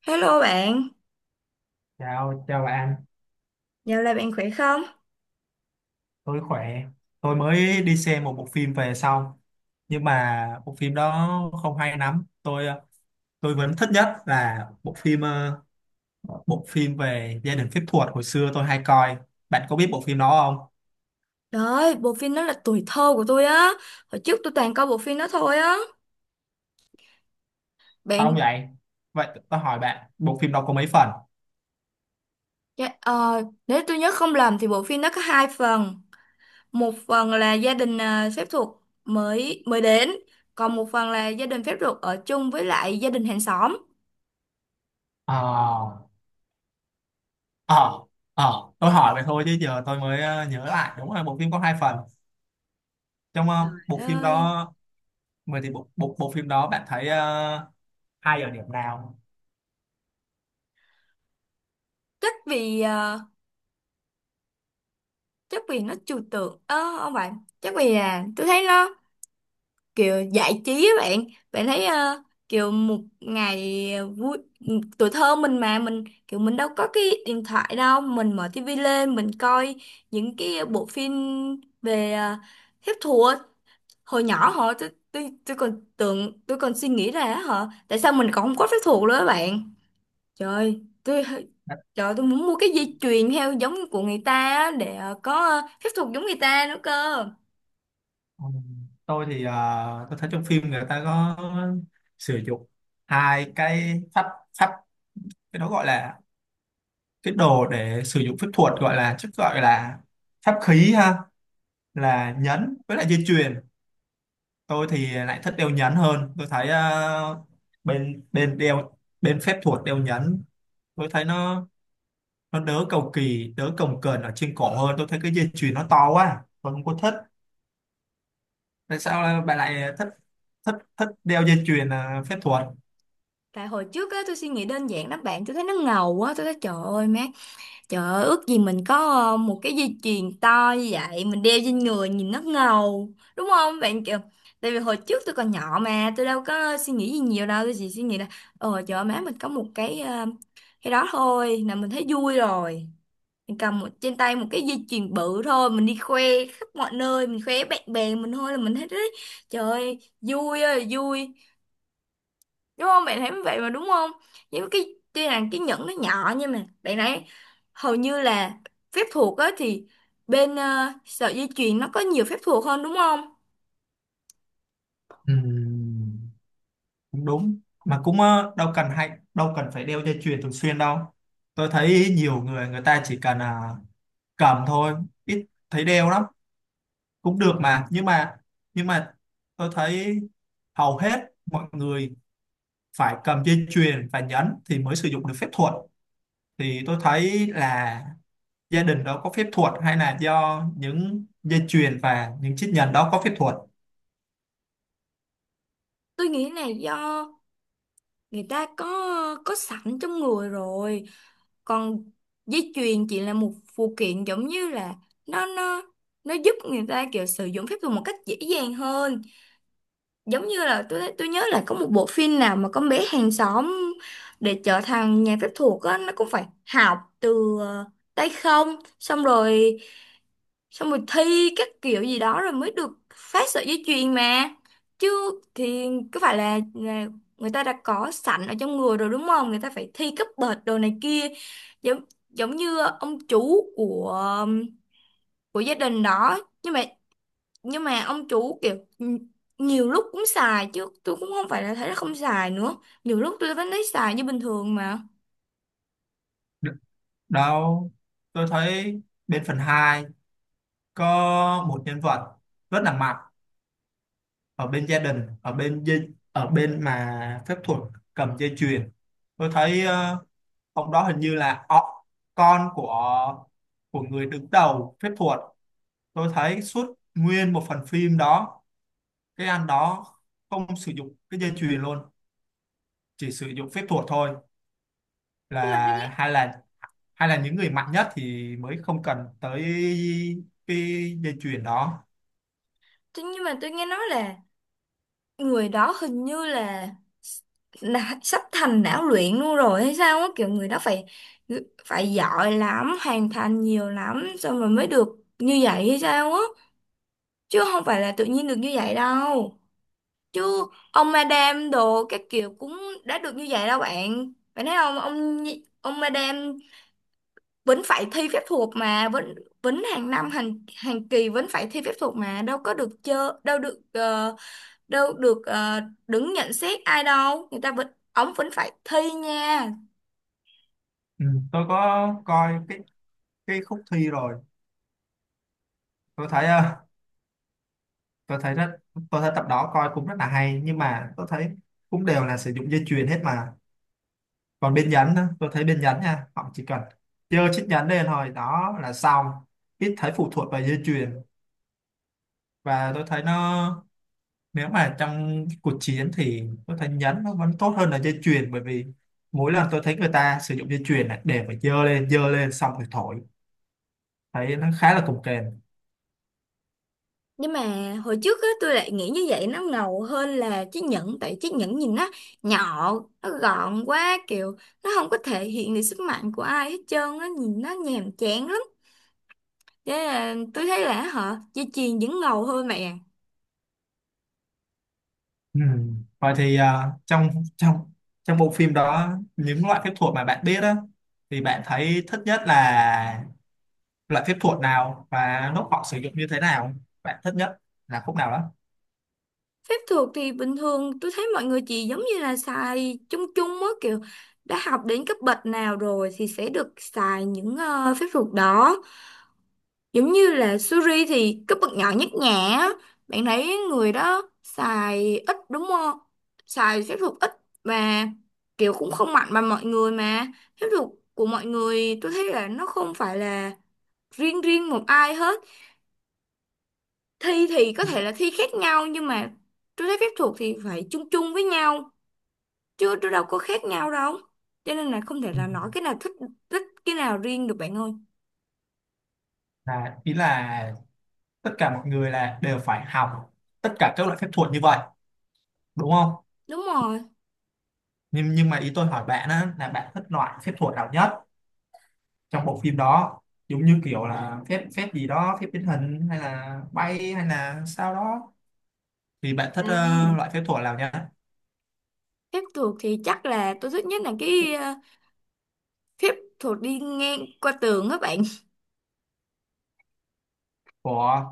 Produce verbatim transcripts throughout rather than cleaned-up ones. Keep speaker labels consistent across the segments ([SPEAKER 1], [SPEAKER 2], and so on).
[SPEAKER 1] Hello bạn,
[SPEAKER 2] Chào, chào bạn,
[SPEAKER 1] dạo này bạn khỏe không?
[SPEAKER 2] tôi khỏe. Tôi mới đi xem một bộ phim về xong, nhưng mà bộ phim đó không hay lắm. Tôi ờ, tôi vẫn thích nhất là bộ phim ờ, bộ phim về gia đình phép thuật hồi xưa tôi hay coi. Bạn có biết bộ phim đó không?
[SPEAKER 1] Trời ơi, bộ phim đó là tuổi thơ của tôi á. Hồi trước tôi toàn coi bộ phim đó thôi á.
[SPEAKER 2] Không
[SPEAKER 1] Bạn,
[SPEAKER 2] vậy. Vậy tôi hỏi bạn, bộ phim đó có mấy phần?
[SPEAKER 1] dạ, ờ, nếu tôi nhớ không lầm thì bộ phim đó có hai phần. Một phần là gia đình à, phép thuật mới mới đến, còn một phần là gia đình phép thuật ở chung với lại gia đình hàng xóm.
[SPEAKER 2] Ờ, ờ, ờ, tôi hỏi vậy thôi chứ giờ tôi mới ờ, nhớ lại. Đúng là bộ phim có hai phần. Trong ờ, bộ
[SPEAKER 1] Trời
[SPEAKER 2] phim
[SPEAKER 1] ơi,
[SPEAKER 2] đó, vậy thì bộ, bộ bộ phim đó bạn thấy ờ, hay ở điểm nào?
[SPEAKER 1] chắc vì à, chắc vì nó trừu tượng, ờ, không phải, chắc vì là tôi thấy nó kiểu giải trí á bạn. Bạn thấy ờ, kiểu một ngày vui tuổi thơ mình mà mình kiểu mình đâu có cái điện thoại đâu, mình mở tivi lên mình coi những cái bộ phim về ờ, phép thuật. Hồi nhỏ hồi tôi tôi tôi còn tưởng, tôi còn suy nghĩ ra á hả, tại sao mình còn không có phép thuật nữa á bạn. trời tôi Trời, tôi muốn mua cái dây chuyền theo giống của người ta á, để ờ, có ờ, phép thuật giống người ta nữa cơ.
[SPEAKER 2] Ừ. tôi thì à, tôi thấy trong phim người ta có sử dụng hai cái pháp pháp cái đó gọi là cái đồ để sử dụng phép thuật gọi là chắc gọi là pháp khí ha, là nhẫn với lại dây chuyền. Tôi thì lại thích đeo nhẫn hơn. Tôi thấy à, bên bên đeo, bên phép thuật đeo nhẫn, tôi thấy nó nó đỡ cầu kỳ, đỡ cồng kềnh ở trên cổ hơn. Tôi thấy cái dây chuyền nó to quá, tôi không có thích. Tại sao bạn lại thích thích thích đeo dây chuyền à, phép thuật?
[SPEAKER 1] Tại hồi trước á, tôi suy nghĩ đơn giản lắm bạn, tôi thấy nó ngầu quá, tôi thấy trời ơi má, trời ơi ước gì mình có ờ, một cái dây chuyền to như vậy, mình đeo trên người nhìn nó ngầu, đúng không bạn, kiểu, tại vì hồi trước tôi còn nhỏ mà, tôi đâu có suy nghĩ gì nhiều đâu, tôi chỉ suy nghĩ là, ờ trời ơi má mình có một cái ờ, cái đó thôi, là mình thấy vui rồi, mình cầm một, trên tay một cái dây chuyền bự thôi, mình đi khoe khắp mọi nơi, mình khoe bạn bè mình thôi là mình thấy đấy, trời ơi, vui ơi là vui, đúng không bạn, thấy như vậy mà đúng không? Những cái tuy là cái nhẫn nó nhỏ nhưng mà bạn thấy hầu như là phép thuật á thì bên ờ, sợi dây chuyền nó có nhiều phép thuật hơn đúng không?
[SPEAKER 2] Ừ, cũng đúng mà cũng ờ, đâu cần hay đâu cần phải đeo dây chuyền thường xuyên đâu. Tôi thấy nhiều người, người ta chỉ cần à, cầm thôi, ít thấy đeo lắm, cũng được mà. Nhưng mà nhưng mà tôi thấy hầu hết mọi người phải cầm dây chuyền và nhẫn thì mới sử dụng được phép thuật. Thì tôi thấy là gia đình đó có phép thuật hay là do những dây chuyền và những chiếc nhẫn đó có phép thuật?
[SPEAKER 1] Tôi nghĩ là do người ta có có sẵn trong người rồi, còn dây chuyền chỉ là một phụ kiện, giống như là nó nó nó giúp người ta kiểu sử dụng phép thuật một cách dễ dàng hơn. Giống như là tôi tôi nhớ là có một bộ phim nào mà con bé hàng xóm, để trở thành nhà phép thuật á nó cũng phải học từ ờ, tay không, xong rồi xong rồi thi các kiểu gì đó rồi mới được phát sợi dây chuyền mà. Chứ thì có phải là, là người ta đã có sẵn ở trong người rồi đúng không, người ta phải thi cấp bậc đồ này kia. Giống giống như ông chú của của gia đình đó, nhưng mà nhưng mà ông chủ kiểu n- nhiều lúc cũng xài chứ, tôi cũng không phải là thấy là không xài nữa, nhiều lúc tôi vẫn thấy xài như bình thường mà.
[SPEAKER 2] Đó, tôi thấy bên phần hai có một nhân vật rất là mạnh ở bên gia đình, ở bên dây, ở bên mà phép thuật cầm dây chuyền. Tôi thấy ờ, ông đó hình như là ọ- con của của người đứng đầu phép thuật. Tôi thấy suốt nguyên một phần phim đó, cái anh đó không sử dụng cái dây chuyền luôn, chỉ sử dụng phép thuật thôi.
[SPEAKER 1] Nhưng mà tôi
[SPEAKER 2] Là
[SPEAKER 1] nghĩ
[SPEAKER 2] hay là, hay là những người mạnh nhất thì mới không cần tới cái dây chuyền đó.
[SPEAKER 1] tôi- nhưng mà tôi nghe nói là người đó hình như là, là sắp thành não luyện luôn rồi hay sao á, kiểu người đó phải phải giỏi lắm, hoàn thành nhiều lắm xong rồi mới được như vậy hay sao á, chứ không phải là tự nhiên được như vậy đâu. Chứ ông madam đồ các kiểu cũng đã được như vậy đâu bạn, bạn thấy không, ông ông madam vẫn phải thi phép thuật mà, vẫn vẫn hàng năm hàng hàng kỳ vẫn phải thi phép thuật mà, đâu có được chơi, đâu được ờ, đâu được ờ, đứng nhận xét ai đâu, người ta vẫn, ổng vẫn phải thi nha.
[SPEAKER 2] Ừ. Tôi có coi cái cái khúc thi rồi. Tôi thấy ờ, tôi thấy rất, tôi thấy tập đó coi cũng rất là hay, nhưng mà tôi thấy cũng đều là sử dụng dây chuyền hết mà. Còn bên nhánh á, tôi thấy bên nhánh nha, họ chỉ cần dơ chiếc nhánh lên thôi, đó là xong, ít thấy phụ thuộc vào dây chuyền. Và tôi thấy nó, nếu mà trong cuộc chiến thì tôi thấy nhánh nó vẫn tốt hơn là dây chuyền, bởi vì mỗi lần tôi thấy người ta sử dụng dây chuyền này để mà dơ lên, dơ lên xong rồi thổi, thấy nó khá là cồng kềnh.
[SPEAKER 1] Nhưng mà hồi trước á tôi lại nghĩ như vậy nó ngầu hơn là chiếc nhẫn, tại chiếc nhẫn nhìn nó nhỏ, nó gọn quá, kiểu nó không có thể hiện được sức mạnh của ai hết trơn á, nhìn nó nhàm chán lắm, thế là tôi thấy là họ, dây chuyền vẫn ngầu hơn mẹ.
[SPEAKER 2] Ừ. Vậy thì à, trong trong trong bộ phim đó, những loại phép thuật mà bạn biết á, thì bạn thấy thích nhất là loại phép thuật nào, và lúc họ sử dụng như thế nào bạn thích nhất, là khúc nào đó.
[SPEAKER 1] Phép thuật thì bình thường tôi thấy mọi người chỉ giống như là xài chung chung á, kiểu đã học đến cấp bậc nào rồi thì sẽ được xài những ờ, phép thuật đó. Giống như là Suri thì cấp bậc nhỏ nhất nhã. Á. Bạn thấy người đó xài ít đúng không? Xài phép thuật ít và kiểu cũng không mạnh bằng mọi người mà. Phép thuật của mọi người tôi thấy là nó không phải là riêng riêng một ai hết. Thi thì có thể là thi khác nhau, nhưng mà tôi thấy phép thuật thì phải chung chung với nhau chưa, tôi đâu có khác nhau đâu, cho nên là không thể
[SPEAKER 2] Ừ.
[SPEAKER 1] là nói cái nào thích thích cái nào riêng được bạn ơi.
[SPEAKER 2] Là ý là tất cả mọi người là đều phải học tất cả các loại phép thuật như vậy, đúng không?
[SPEAKER 1] Đúng rồi.
[SPEAKER 2] Nhưng nhưng mà ý tôi hỏi bạn á là bạn thích loại phép thuật nào nhất trong bộ phim đó, giống như kiểu là phép, phép gì đó, phép biến hình hay là bay hay là sao đó. Vì bạn thích ờ,
[SPEAKER 1] À,
[SPEAKER 2] loại phép thuật nào nhá?
[SPEAKER 1] phép thuật thì chắc là tôi thích nhất là cái ờ, phép thuật đi ngang qua tường á bạn.
[SPEAKER 2] Của,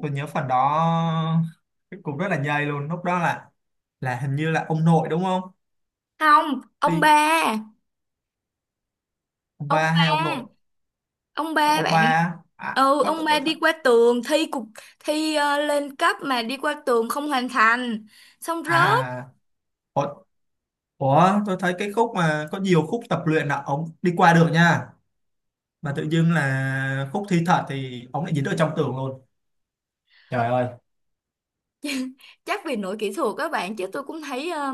[SPEAKER 2] tôi nhớ phần đó cũng rất là nhây luôn. Lúc đó là là hình như là ông nội đúng không?
[SPEAKER 1] Không, ông
[SPEAKER 2] Đi,
[SPEAKER 1] ba,
[SPEAKER 2] ông
[SPEAKER 1] ông
[SPEAKER 2] ba
[SPEAKER 1] ba,
[SPEAKER 2] hay ông nội?
[SPEAKER 1] ông ba
[SPEAKER 2] Ông ba
[SPEAKER 1] bạn.
[SPEAKER 2] á? À
[SPEAKER 1] Ừ,
[SPEAKER 2] có
[SPEAKER 1] ông
[SPEAKER 2] tôi, tôi
[SPEAKER 1] ba đi
[SPEAKER 2] th-
[SPEAKER 1] qua tường thi cục thi ờ, lên cấp mà đi qua tường không hoàn thành, xong rớt.
[SPEAKER 2] à, ủa, ủa, tôi thấy cái khúc mà có nhiều khúc tập luyện là ông đi qua được nha. Mà tự dưng là khúc thi thật thì ông lại dính ở trong tường luôn. Trời ơi,
[SPEAKER 1] Chắc vì lỗi kỹ thuật các bạn, chứ tôi cũng thấy, ờ,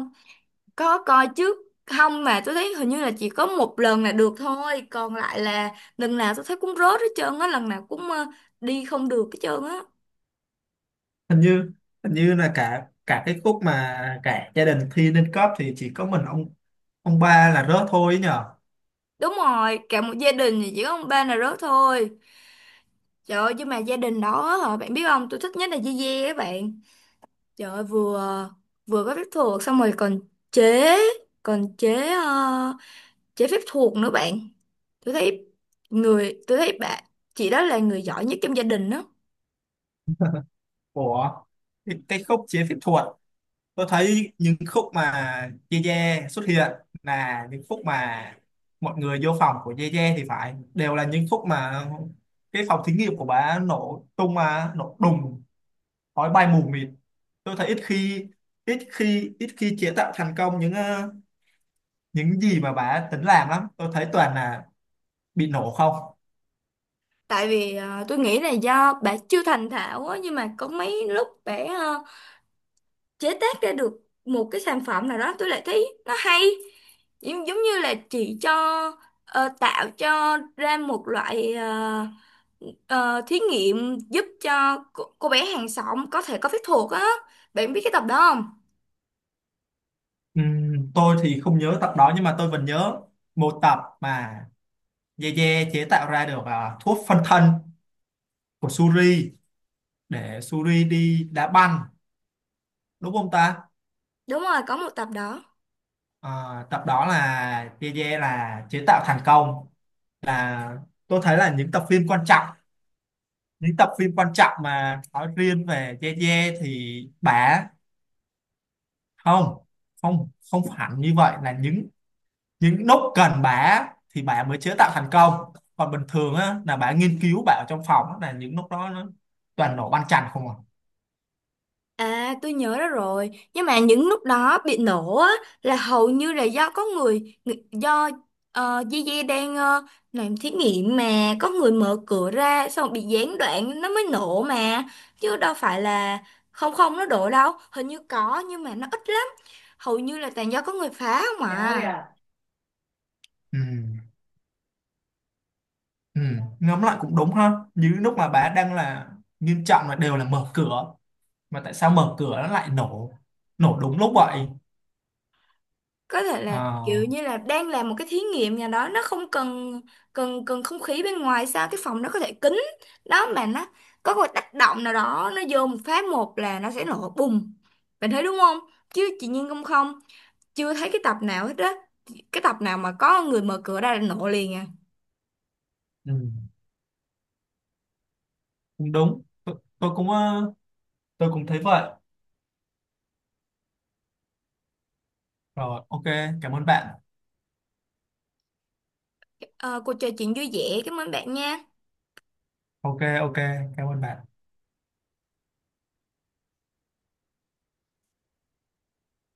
[SPEAKER 1] có coi chứ không, mà tôi thấy hình như là chỉ có một lần là được thôi, còn lại là lần nào tôi thấy cũng rớt hết trơn á, lần nào cũng ờ, đi không được hết trơn á.
[SPEAKER 2] hình như hình như là cả cả cái khúc mà cả gia đình thi lên cấp thì chỉ có mình ông ông ba là rớt thôi ấy nhở.
[SPEAKER 1] Đúng rồi, cả một gia đình thì chỉ có ông ba là rớt thôi. Trời ơi, nhưng mà gia đình đó hả bạn biết không, tôi thích nhất là dê dê các bạn. Trời ơi, vừa vừa có phép thuật xong rồi còn chế còn chế ờ, chế phép thuật nữa bạn. Tôi thấy người tôi thấy bạn, chị đó là người giỏi nhất trong gia đình đó.
[SPEAKER 2] Ủa, cái cái khúc chế phép thuật, tôi thấy những khúc mà Ye Ye xuất hiện là những khúc mà mọi người vô phòng của Ye Ye, thì phải đều là những khúc mà cái phòng thí nghiệm của bà nổ tung mà nổ đùng, khói bay mù mịt. Tôi thấy ít khi, ít khi ít khi chế tạo thành công những ờ, những gì mà bà tính làm lắm. Tôi thấy toàn là bị nổ không.
[SPEAKER 1] Tại vì ờ, tôi nghĩ là do bà chưa thành thạo á, nhưng mà có mấy lúc bà ờ, chế tác ra được một cái sản phẩm nào đó tôi lại thấy nó hay. Giống, giống như là chị cho ờ, tạo cho ra một loại ờ, ờ, thí nghiệm giúp cho cô, cô bé hàng xóm có thể có phép thuật á. Bạn biết cái tập đó không?
[SPEAKER 2] Ừm, tôi thì không nhớ tập đó, nhưng mà tôi vẫn nhớ một tập mà Yeye chế tạo ra được à, thuốc phân thân của Suri để Suri đi đá banh, đúng không ta?
[SPEAKER 1] Đúng rồi, có một tập đó.
[SPEAKER 2] À, tập đó là Yeye là chế tạo thành công, là tôi thấy là những tập phim quan trọng, những tập phim quan trọng mà nói riêng về Yeye thì bả không, không không hẳn như vậy. Là những những lúc cần bả thì bả mới chế tạo thành công, còn bình thường á, là bả nghiên cứu, bả ở trong phòng á, là những lúc đó nó toàn nổ banh chành không à.
[SPEAKER 1] À, tôi nhớ ra rồi. Nhưng mà những lúc đó bị nổ á, là hầu như là do có người, người- do uh, Gigi đang ờ, làm thí nghiệm mà có người mở cửa ra xong rồi bị gián đoạn nó mới nổ mà. Chứ đâu phải là không, không nó đổ đâu. Hình như có nhưng mà nó ít lắm. Hầu như là toàn do có người phá không à.
[SPEAKER 2] Ừ. Ừ, ngẫm lại cũng đúng ha. Như lúc mà bà đang là nghiêm trọng là đều là mở cửa, mà tại sao mở cửa nó lại nổ, nổ đúng lúc vậy?
[SPEAKER 1] Có thể là kiểu
[SPEAKER 2] à,
[SPEAKER 1] như là đang làm một cái thí nghiệm nhà đó nó không cần cần cần không khí bên ngoài sao, cái phòng nó có thể kín đó, mà nó có một tác động nào đó, nó vô một phát một là nó sẽ nổ bùng, bạn thấy đúng không? Chứ chị Nhiên không, không chưa thấy cái tập nào hết á, cái tập nào mà có người mở cửa ra là nổ liền à.
[SPEAKER 2] ừ, cũng đúng. Tôi, tôi cũng ờ, tôi cũng thấy vậy rồi. Ok, cảm ơn bạn.
[SPEAKER 1] Ờ, cuộc trò chuyện vui vẻ, cảm ơn bạn nha.
[SPEAKER 2] Ok, ok, cảm ơn bạn.